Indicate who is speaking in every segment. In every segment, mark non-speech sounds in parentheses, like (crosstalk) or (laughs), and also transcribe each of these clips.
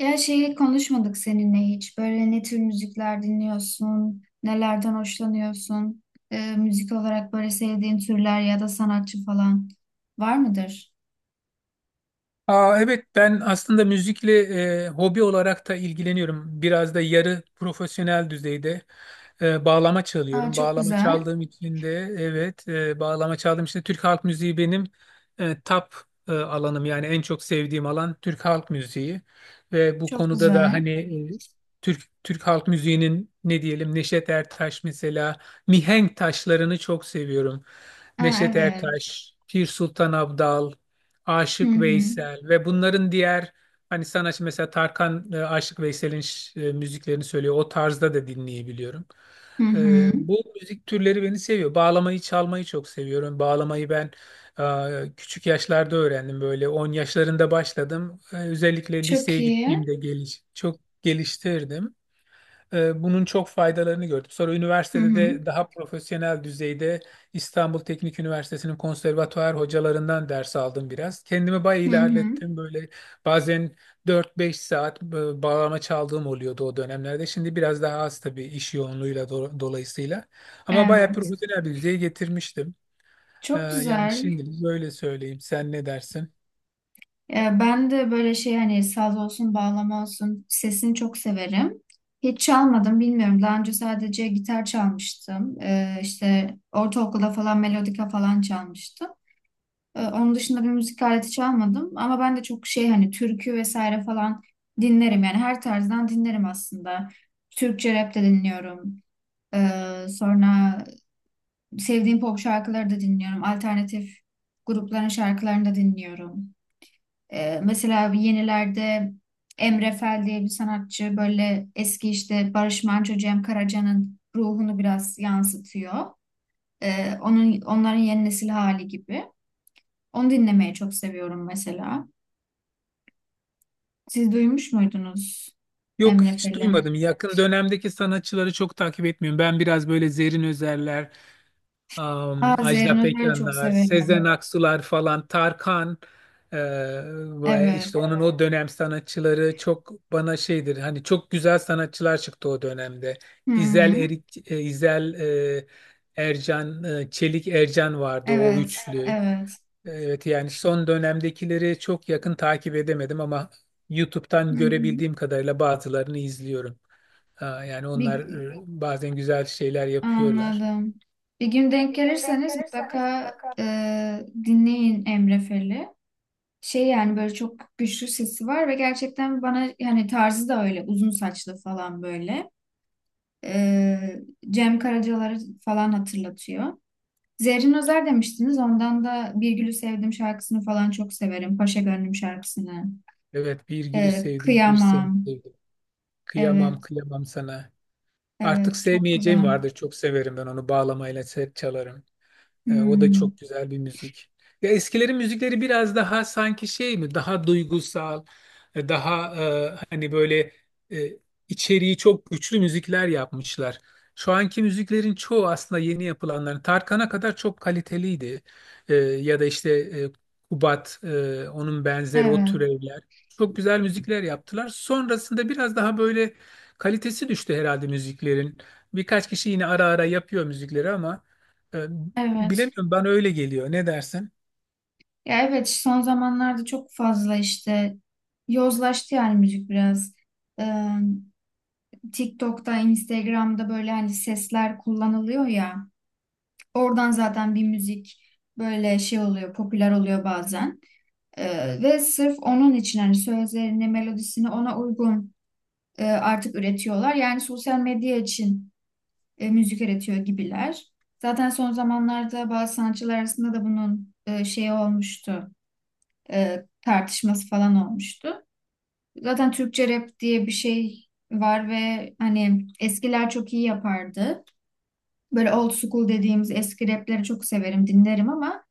Speaker 1: Ya şeyi konuşmadık seninle hiç. Böyle ne tür müzikler dinliyorsun, nelerden hoşlanıyorsun? Müzik olarak böyle sevdiğin türler ya da sanatçı falan var mıdır?
Speaker 2: Evet ben aslında müzikle hobi olarak da ilgileniyorum. Biraz da yarı profesyonel düzeyde bağlama
Speaker 1: Aa,
Speaker 2: çalıyorum.
Speaker 1: çok güzel,
Speaker 2: Bağlama çaldığım için de Türk halk müziği benim e, top alanım. Yani en çok sevdiğim alan Türk halk müziği. Ve bu
Speaker 1: çok
Speaker 2: konuda da
Speaker 1: güzel.
Speaker 2: hani e, Türk halk müziğinin ne diyelim, Neşet Ertaş mesela, mihenk taşlarını çok seviyorum.
Speaker 1: Aa,
Speaker 2: Neşet
Speaker 1: evet.
Speaker 2: Ertaş, Pir Sultan Abdal,
Speaker 1: Hı
Speaker 2: Aşık
Speaker 1: hı,
Speaker 2: Veysel ve bunların diğer hani sanatçı, mesela Tarkan Aşık Veysel'in müziklerini söylüyor. O tarzda da dinleyebiliyorum.
Speaker 1: hı hı.
Speaker 2: Bu müzik türleri beni seviyor. Bağlamayı çalmayı çok seviyorum. Bağlamayı ben küçük yaşlarda öğrendim. Böyle 10 yaşlarında başladım. Özellikle
Speaker 1: Çok
Speaker 2: liseye
Speaker 1: iyi.
Speaker 2: gittiğimde çok geliştirdim. Bunun çok faydalarını gördüm. Sonra
Speaker 1: Hı
Speaker 2: üniversitede
Speaker 1: hı,
Speaker 2: de daha profesyonel düzeyde İstanbul Teknik Üniversitesi'nin konservatuar hocalarından ders aldım biraz. Kendimi bayağı
Speaker 1: hı hı.
Speaker 2: ilerlettim. Böyle bazen 4-5 saat bağlama çaldığım oluyordu o dönemlerde. Şimdi biraz daha az tabii iş yoğunluğuyla dolayısıyla. Ama bayağı
Speaker 1: Evet.
Speaker 2: profesyonel bir düzeye getirmiştim.
Speaker 1: Çok
Speaker 2: Yani
Speaker 1: güzel.
Speaker 2: şimdilik böyle söyleyeyim. Sen ne dersin?
Speaker 1: E, Ben de böyle şey hani saz olsun, bağlama olsun sesini çok severim. Hiç çalmadım bilmiyorum. Daha önce sadece gitar çalmıştım. İşte ortaokulda falan melodika falan çalmıştım. Onun dışında bir müzik aleti çalmadım. Ama ben de çok şey hani türkü vesaire falan dinlerim. Yani her tarzdan dinlerim aslında. Türkçe rap de dinliyorum. Sonra sevdiğim pop şarkıları da dinliyorum. Alternatif grupların şarkılarını da dinliyorum. Mesela yenilerde Emre Fel diye bir sanatçı böyle eski işte Barış Manço, Cem Karaca'nın ruhunu biraz yansıtıyor. Onun Onların yeni nesil hali gibi. Onu dinlemeyi çok seviyorum mesela. Siz duymuş muydunuz
Speaker 2: Yok,
Speaker 1: Emre
Speaker 2: hiç
Speaker 1: Fel'i?
Speaker 2: duymadım. Yakın dönemdeki sanatçıları çok takip etmiyorum. Ben biraz böyle Zerrin Özerler,
Speaker 1: Aa, Zerrin
Speaker 2: Ajda
Speaker 1: Özer'i çok
Speaker 2: Pekanlar, Sezen
Speaker 1: severim.
Speaker 2: Aksular falan, Tarkan e, ve
Speaker 1: Evet.
Speaker 2: işte onun o dönem sanatçıları çok bana şeydir. Hani çok güzel sanatçılar çıktı o dönemde.
Speaker 1: Hı
Speaker 2: İzel
Speaker 1: hı.
Speaker 2: Erik, İzel e, Ercan, Çelik Ercan vardı o
Speaker 1: Evet.
Speaker 2: üçlü.
Speaker 1: Evet.
Speaker 2: Evet, yani son dönemdekileri çok yakın takip edemedim ama
Speaker 1: Hı
Speaker 2: YouTube'dan
Speaker 1: hı.
Speaker 2: görebildiğim kadarıyla bazılarını izliyorum. Ha, Yani onlar
Speaker 1: Bir,
Speaker 2: bazen güzel şeyler yapıyorlar.
Speaker 1: anladım. Bir gün denk gelirseniz mutlaka dinleyin Emre Fel'i. Şey yani böyle çok güçlü sesi var ve gerçekten bana yani tarzı da öyle uzun saçlı falan böyle. Ee, Cem Karacalar'ı falan hatırlatıyor. Zerrin Özer demiştiniz. Ondan da Bir Gülü Sevdim şarkısını falan çok severim. Paşa Gönlüm şarkısını.
Speaker 2: Evet, bir gülü sevdim bir seni
Speaker 1: Kıyamam.
Speaker 2: sevdim. Kıyamam,
Speaker 1: Evet,
Speaker 2: kıyamam sana. Artık
Speaker 1: evet çok
Speaker 2: sevmeyeceğim
Speaker 1: güzel.
Speaker 2: vardır, çok severim ben onu bağlamayla çalarım. O da
Speaker 1: Hmm,
Speaker 2: çok güzel bir müzik. Ya eskilerin müzikleri biraz daha sanki şey mi? Daha duygusal, daha hani böyle e, içeriği çok güçlü müzikler yapmışlar. Şu anki müziklerin çoğu, aslında yeni yapılanların, Tarkan'a kadar çok kaliteliydi. Ya da işte Kubat, onun benzeri o
Speaker 1: evet,
Speaker 2: türevler. Çok güzel müzikler yaptılar. Sonrasında biraz daha böyle kalitesi düştü herhalde müziklerin. Birkaç kişi yine ara ara yapıyor müzikleri ama e,
Speaker 1: evet.
Speaker 2: bilemiyorum, ben öyle geliyor. Ne dersin?
Speaker 1: Ya evet son zamanlarda çok fazla işte yozlaştı yani müzik biraz. Ee, TikTok'ta, Instagram'da böyle hani sesler kullanılıyor ya. Oradan zaten bir müzik böyle şey oluyor, popüler oluyor bazen. Ve sırf onun için hani sözlerini, melodisini ona uygun artık üretiyorlar. Yani sosyal medya için müzik üretiyor gibiler. Zaten son zamanlarda bazı sanatçılar arasında da bunun şeyi olmuştu. Tartışması falan olmuştu. Zaten Türkçe rap diye bir şey var ve hani eskiler çok iyi yapardı. Böyle old school dediğimiz eski rapleri çok severim, dinlerim ama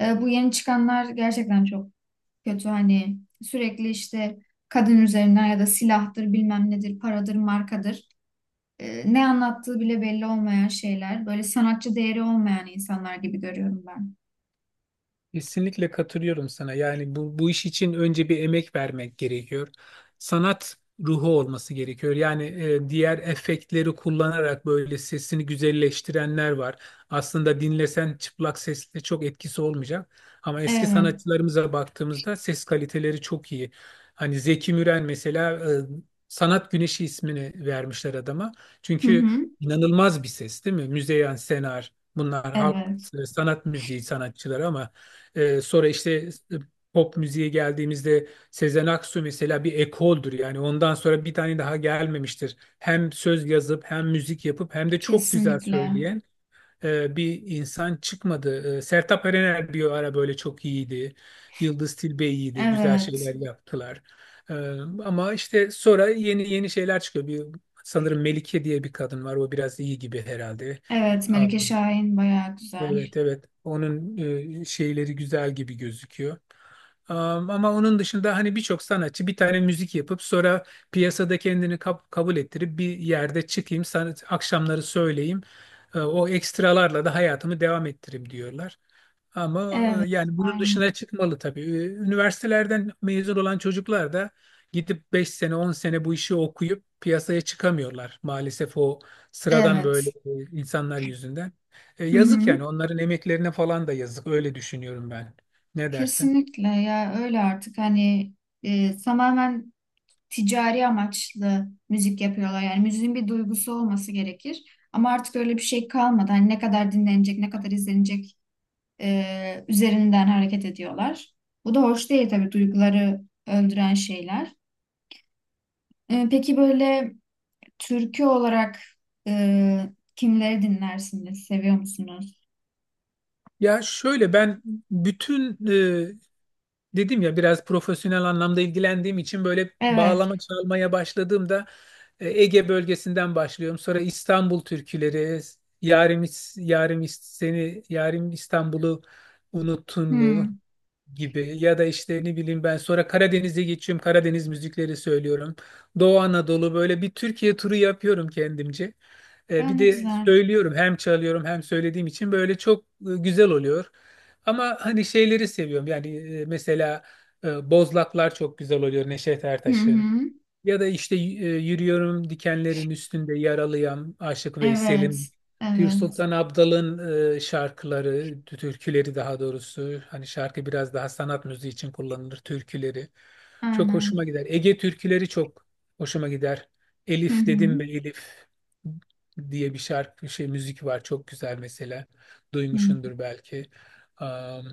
Speaker 1: bu yeni çıkanlar gerçekten çok kötü. Hani sürekli işte kadın üzerinden ya da silahtır, bilmem nedir, paradır, markadır. Ne anlattığı bile belli olmayan şeyler. Böyle sanatçı değeri olmayan insanlar gibi görüyorum ben.
Speaker 2: Kesinlikle katılıyorum sana. Yani bu iş için önce bir emek vermek gerekiyor. Sanat ruhu olması gerekiyor. Yani diğer efektleri kullanarak böyle sesini güzelleştirenler var. Aslında dinlesen çıplak sesle çok etkisi olmayacak. Ama eski
Speaker 1: Evet.
Speaker 2: sanatçılarımıza baktığımızda ses kaliteleri çok iyi. Hani Zeki Müren mesela, Sanat Güneşi ismini vermişler adama.
Speaker 1: Hı
Speaker 2: Çünkü
Speaker 1: hı.
Speaker 2: inanılmaz bir ses, değil mi? Müzeyyen Senar, bunlar halk
Speaker 1: Evet.
Speaker 2: sanat müziği sanatçıları ama sonra işte e, pop müziğe geldiğimizde Sezen Aksu mesela bir ekoldur, yani ondan sonra bir tane daha gelmemiştir. Hem söz yazıp hem müzik yapıp hem de çok güzel
Speaker 1: Kesinlikle.
Speaker 2: söyleyen bir insan çıkmadı. Sertab Erener bir ara böyle çok iyiydi. Yıldız Tilbe iyiydi. Güzel şeyler
Speaker 1: Evet.
Speaker 2: yaptılar. E, Ama işte sonra yeni yeni şeyler çıkıyor. Sanırım Melike diye bir kadın var. O biraz iyi gibi herhalde.
Speaker 1: Evet. Melike Şahin bayağı güzel.
Speaker 2: Evet, evet, onun şeyleri güzel gibi gözüküyor. Ama onun dışında hani birçok sanatçı bir tane müzik yapıp sonra piyasada kendini kabul ettirip, bir yerde çıkayım, sanat akşamları söyleyeyim, o ekstralarla da hayatımı devam ettireyim diyorlar. Ama
Speaker 1: Evet.
Speaker 2: yani bunun
Speaker 1: Aynen.
Speaker 2: dışına çıkmalı tabii. Üniversitelerden mezun olan çocuklar da gidip 5 sene, 10 sene bu işi okuyup piyasaya çıkamıyorlar. Maalesef o sıradan böyle
Speaker 1: Evet.
Speaker 2: insanlar yüzünden.
Speaker 1: Hı
Speaker 2: Yazık
Speaker 1: hı.
Speaker 2: yani, onların emeklerine falan da yazık, öyle düşünüyorum ben. Ne dersin?
Speaker 1: Kesinlikle ya öyle artık hani tamamen ticari amaçlı müzik yapıyorlar. Yani müziğin bir duygusu olması gerekir. Ama artık öyle bir şey kalmadı. Hani ne kadar dinlenecek, ne kadar izlenecek üzerinden hareket ediyorlar. Bu da hoş değil tabii duyguları öldüren şeyler. Peki böyle türkü olarak e, kimleri dinlersiniz? Seviyor musunuz?
Speaker 2: Ya şöyle, ben bütün, dedim ya, biraz profesyonel anlamda ilgilendiğim için, böyle
Speaker 1: Evet.
Speaker 2: bağlama çalmaya başladığımda Ege bölgesinden başlıyorum. Sonra İstanbul türküleri, Yarim, seni Yarim İstanbul'u unuttun mu
Speaker 1: Hmm.
Speaker 2: gibi, ya da işte ne bileyim ben, sonra Karadeniz'e geçiyorum, Karadeniz müzikleri söylüyorum. Doğu Anadolu, böyle bir Türkiye turu yapıyorum kendimce. Bir
Speaker 1: Öyle
Speaker 2: de
Speaker 1: güzel.
Speaker 2: söylüyorum, hem çalıyorum hem söylediğim için böyle çok güzel oluyor. Ama hani şeyleri seviyorum yani, mesela Bozlaklar çok güzel oluyor Neşet
Speaker 1: Hı
Speaker 2: Ertaş'ın.
Speaker 1: hı.
Speaker 2: Ya da işte yürüyorum dikenlerin üstünde yaralıyam Aşık Veysel'im.
Speaker 1: Evet.
Speaker 2: Pür
Speaker 1: Evet.
Speaker 2: Sultan Abdal'ın şarkıları, türküleri daha doğrusu. Hani şarkı biraz daha sanat müziği için kullanılır, türküleri. Çok hoşuma
Speaker 1: Aynen.
Speaker 2: gider. Ege türküleri çok hoşuma gider.
Speaker 1: Hı
Speaker 2: Elif
Speaker 1: hı.
Speaker 2: dedim be Elif diye bir şarkı, şey, müzik var, çok güzel mesela.
Speaker 1: Hı. hı.
Speaker 2: Duymuşsundur belki. Am,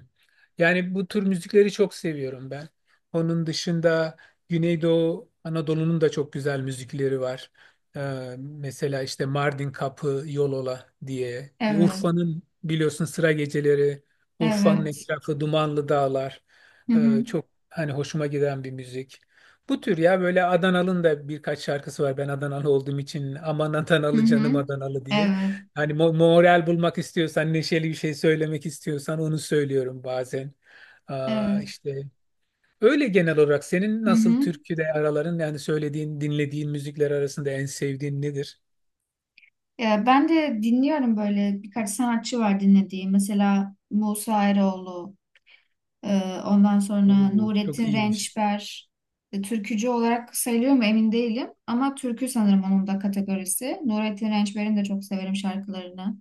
Speaker 2: yani bu tür müzikleri çok seviyorum ben. Onun dışında Güneydoğu Anadolu'nun da çok güzel müzikleri var. Mesela işte Mardin Kapı, Yolola diye.
Speaker 1: Evet.
Speaker 2: Urfa'nın biliyorsun Sıra Geceleri, Urfa'nın
Speaker 1: Evet.
Speaker 2: etrafı Dumanlı Dağlar.
Speaker 1: Hı hı.
Speaker 2: Çok hani hoşuma giden bir müzik. Bu tür, ya böyle Adanalı'nın da birkaç şarkısı var. Ben Adanalı olduğum için, aman
Speaker 1: Hı
Speaker 2: Adanalı canım
Speaker 1: hı.
Speaker 2: Adanalı diye.
Speaker 1: Evet.
Speaker 2: Hani moral bulmak istiyorsan, neşeli bir şey söylemek istiyorsan, onu söylüyorum bazen.
Speaker 1: Evet.
Speaker 2: İşte öyle. Genel olarak senin
Speaker 1: Hı
Speaker 2: nasıl
Speaker 1: hı.
Speaker 2: türküde araların, yani söylediğin, dinlediğin müzikler arasında en sevdiğin nedir?
Speaker 1: Ya ben de dinliyorum böyle birkaç sanatçı var dinlediğim. Mesela Musa Eroğlu, e, ondan sonra
Speaker 2: Oo, çok
Speaker 1: Nurettin
Speaker 2: iyiymiş.
Speaker 1: Rençber. E, türkücü olarak sayılıyor mu emin değilim. Ama türkü sanırım onun da kategorisi. Nurettin Rençber'in de çok severim şarkılarını.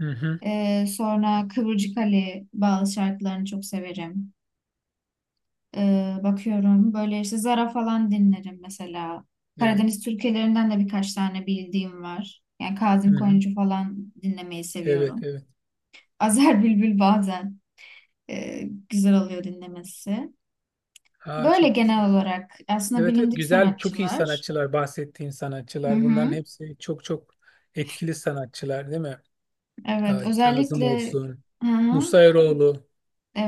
Speaker 2: Hı hı.
Speaker 1: Sonra Kıvırcık Ali bazı şarkılarını çok severim. Bakıyorum. Böyle işte Zara falan dinlerim mesela.
Speaker 2: Evet.
Speaker 1: Karadeniz türkülerinden de birkaç tane bildiğim var. Yani
Speaker 2: Hı
Speaker 1: Kazım
Speaker 2: hı.
Speaker 1: Koyuncu falan dinlemeyi
Speaker 2: Evet,
Speaker 1: seviyorum.
Speaker 2: evet.
Speaker 1: (laughs) Azer Bülbül bazen e, güzel oluyor dinlemesi.
Speaker 2: Aa,
Speaker 1: Böyle
Speaker 2: çok güzel.
Speaker 1: genel olarak aslında
Speaker 2: Evet, evet.
Speaker 1: bilindik
Speaker 2: Güzel, çok iyi
Speaker 1: sanatçılar.
Speaker 2: sanatçılar, bahsettiğin
Speaker 1: Hı
Speaker 2: sanatçılar. Bunların
Speaker 1: hı.
Speaker 2: hepsi çok çok etkili sanatçılar, değil mi?
Speaker 1: Evet,
Speaker 2: Aa, Kazım
Speaker 1: özellikle
Speaker 2: olsun,
Speaker 1: hı hı.
Speaker 2: Musa Eroğlu.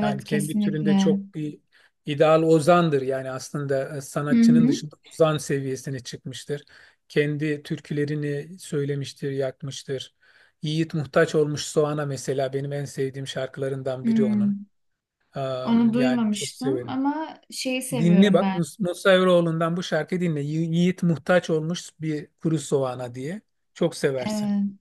Speaker 2: Yani kendi türünde
Speaker 1: kesinlikle.
Speaker 2: çok bir ideal ozandır. Yani aslında
Speaker 1: Hı
Speaker 2: sanatçının
Speaker 1: hı.
Speaker 2: dışında ozan seviyesine çıkmıştır. Kendi türkülerini söylemiştir, yakmıştır. Yiğit Muhtaç Olmuş Soğan'a, mesela benim en sevdiğim şarkılarından biri onun.
Speaker 1: Hmm. Onu
Speaker 2: Yani çok
Speaker 1: duymamıştım
Speaker 2: severim.
Speaker 1: ama şeyi
Speaker 2: Dinle
Speaker 1: seviyorum
Speaker 2: bak, Nusra Evroğlu'ndan bu şarkıyı dinle. Yiğit Muhtaç Olmuş bir Kuru Soğan'a diye. Çok seversin.
Speaker 1: ben.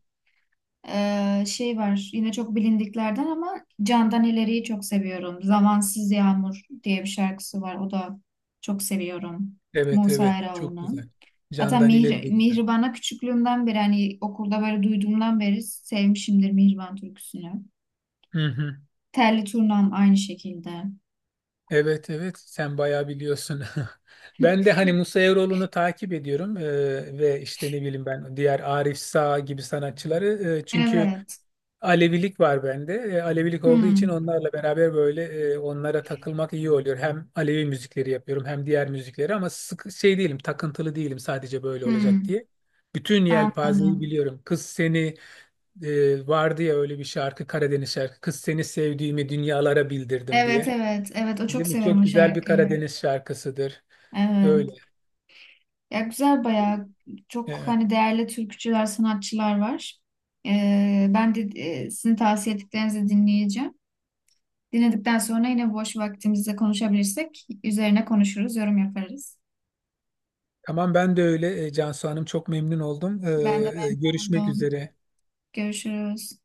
Speaker 1: Şey var yine çok bilindiklerden ama Candan İleri'yi çok seviyorum. Zamansız Yağmur diye bir şarkısı var. O da çok seviyorum.
Speaker 2: Evet,
Speaker 1: Musa
Speaker 2: evet, çok güzel.
Speaker 1: Eroğlu'nun. Hatta
Speaker 2: Candan ileri de güzel.
Speaker 1: Mihriban'a küçüklüğümden beri hani okulda böyle duyduğumdan beri sevmişimdir Mihriban türküsünü.
Speaker 2: Hı hı.
Speaker 1: Telli Turnam aynı şekilde.
Speaker 2: Evet, evet, sen bayağı biliyorsun. (laughs) Ben de hani Musa Eroğlu'nu takip ediyorum, ve işte ne bileyim ben, diğer Arif Sağ gibi sanatçıları, çünkü
Speaker 1: Evet.
Speaker 2: Alevilik var bende. Alevilik olduğu için
Speaker 1: Hmm.
Speaker 2: onlarla beraber böyle, onlara takılmak iyi oluyor. Hem Alevi müzikleri yapıyorum hem diğer müzikleri, ama sık şey değilim, takıntılı değilim, sadece böyle olacak
Speaker 1: Hmm.
Speaker 2: diye. Bütün yelpazeyi
Speaker 1: Anladım.
Speaker 2: biliyorum. Kız seni, vardı ya öyle bir şarkı, Karadeniz şarkı. Kız seni sevdiğimi dünyalara bildirdim
Speaker 1: Evet,
Speaker 2: diye.
Speaker 1: evet. Evet o çok
Speaker 2: Değil mi?
Speaker 1: severim
Speaker 2: Çok
Speaker 1: o
Speaker 2: güzel bir
Speaker 1: şarkıyı.
Speaker 2: Karadeniz şarkısıdır.
Speaker 1: Evet.
Speaker 2: Öyle.
Speaker 1: Ya güzel bayağı çok
Speaker 2: Evet.
Speaker 1: hani değerli türkücüler, sanatçılar var. Ben de sizin tavsiye ettiklerinizi dinleyeceğim. Dinledikten sonra yine boş vaktimizde konuşabilirsek üzerine konuşuruz, yorum yaparız.
Speaker 2: Tamam, ben de öyle. Cansu Hanım, çok memnun oldum.
Speaker 1: Ben de memnun
Speaker 2: Görüşmek
Speaker 1: oldum.
Speaker 2: üzere.
Speaker 1: Görüşürüz.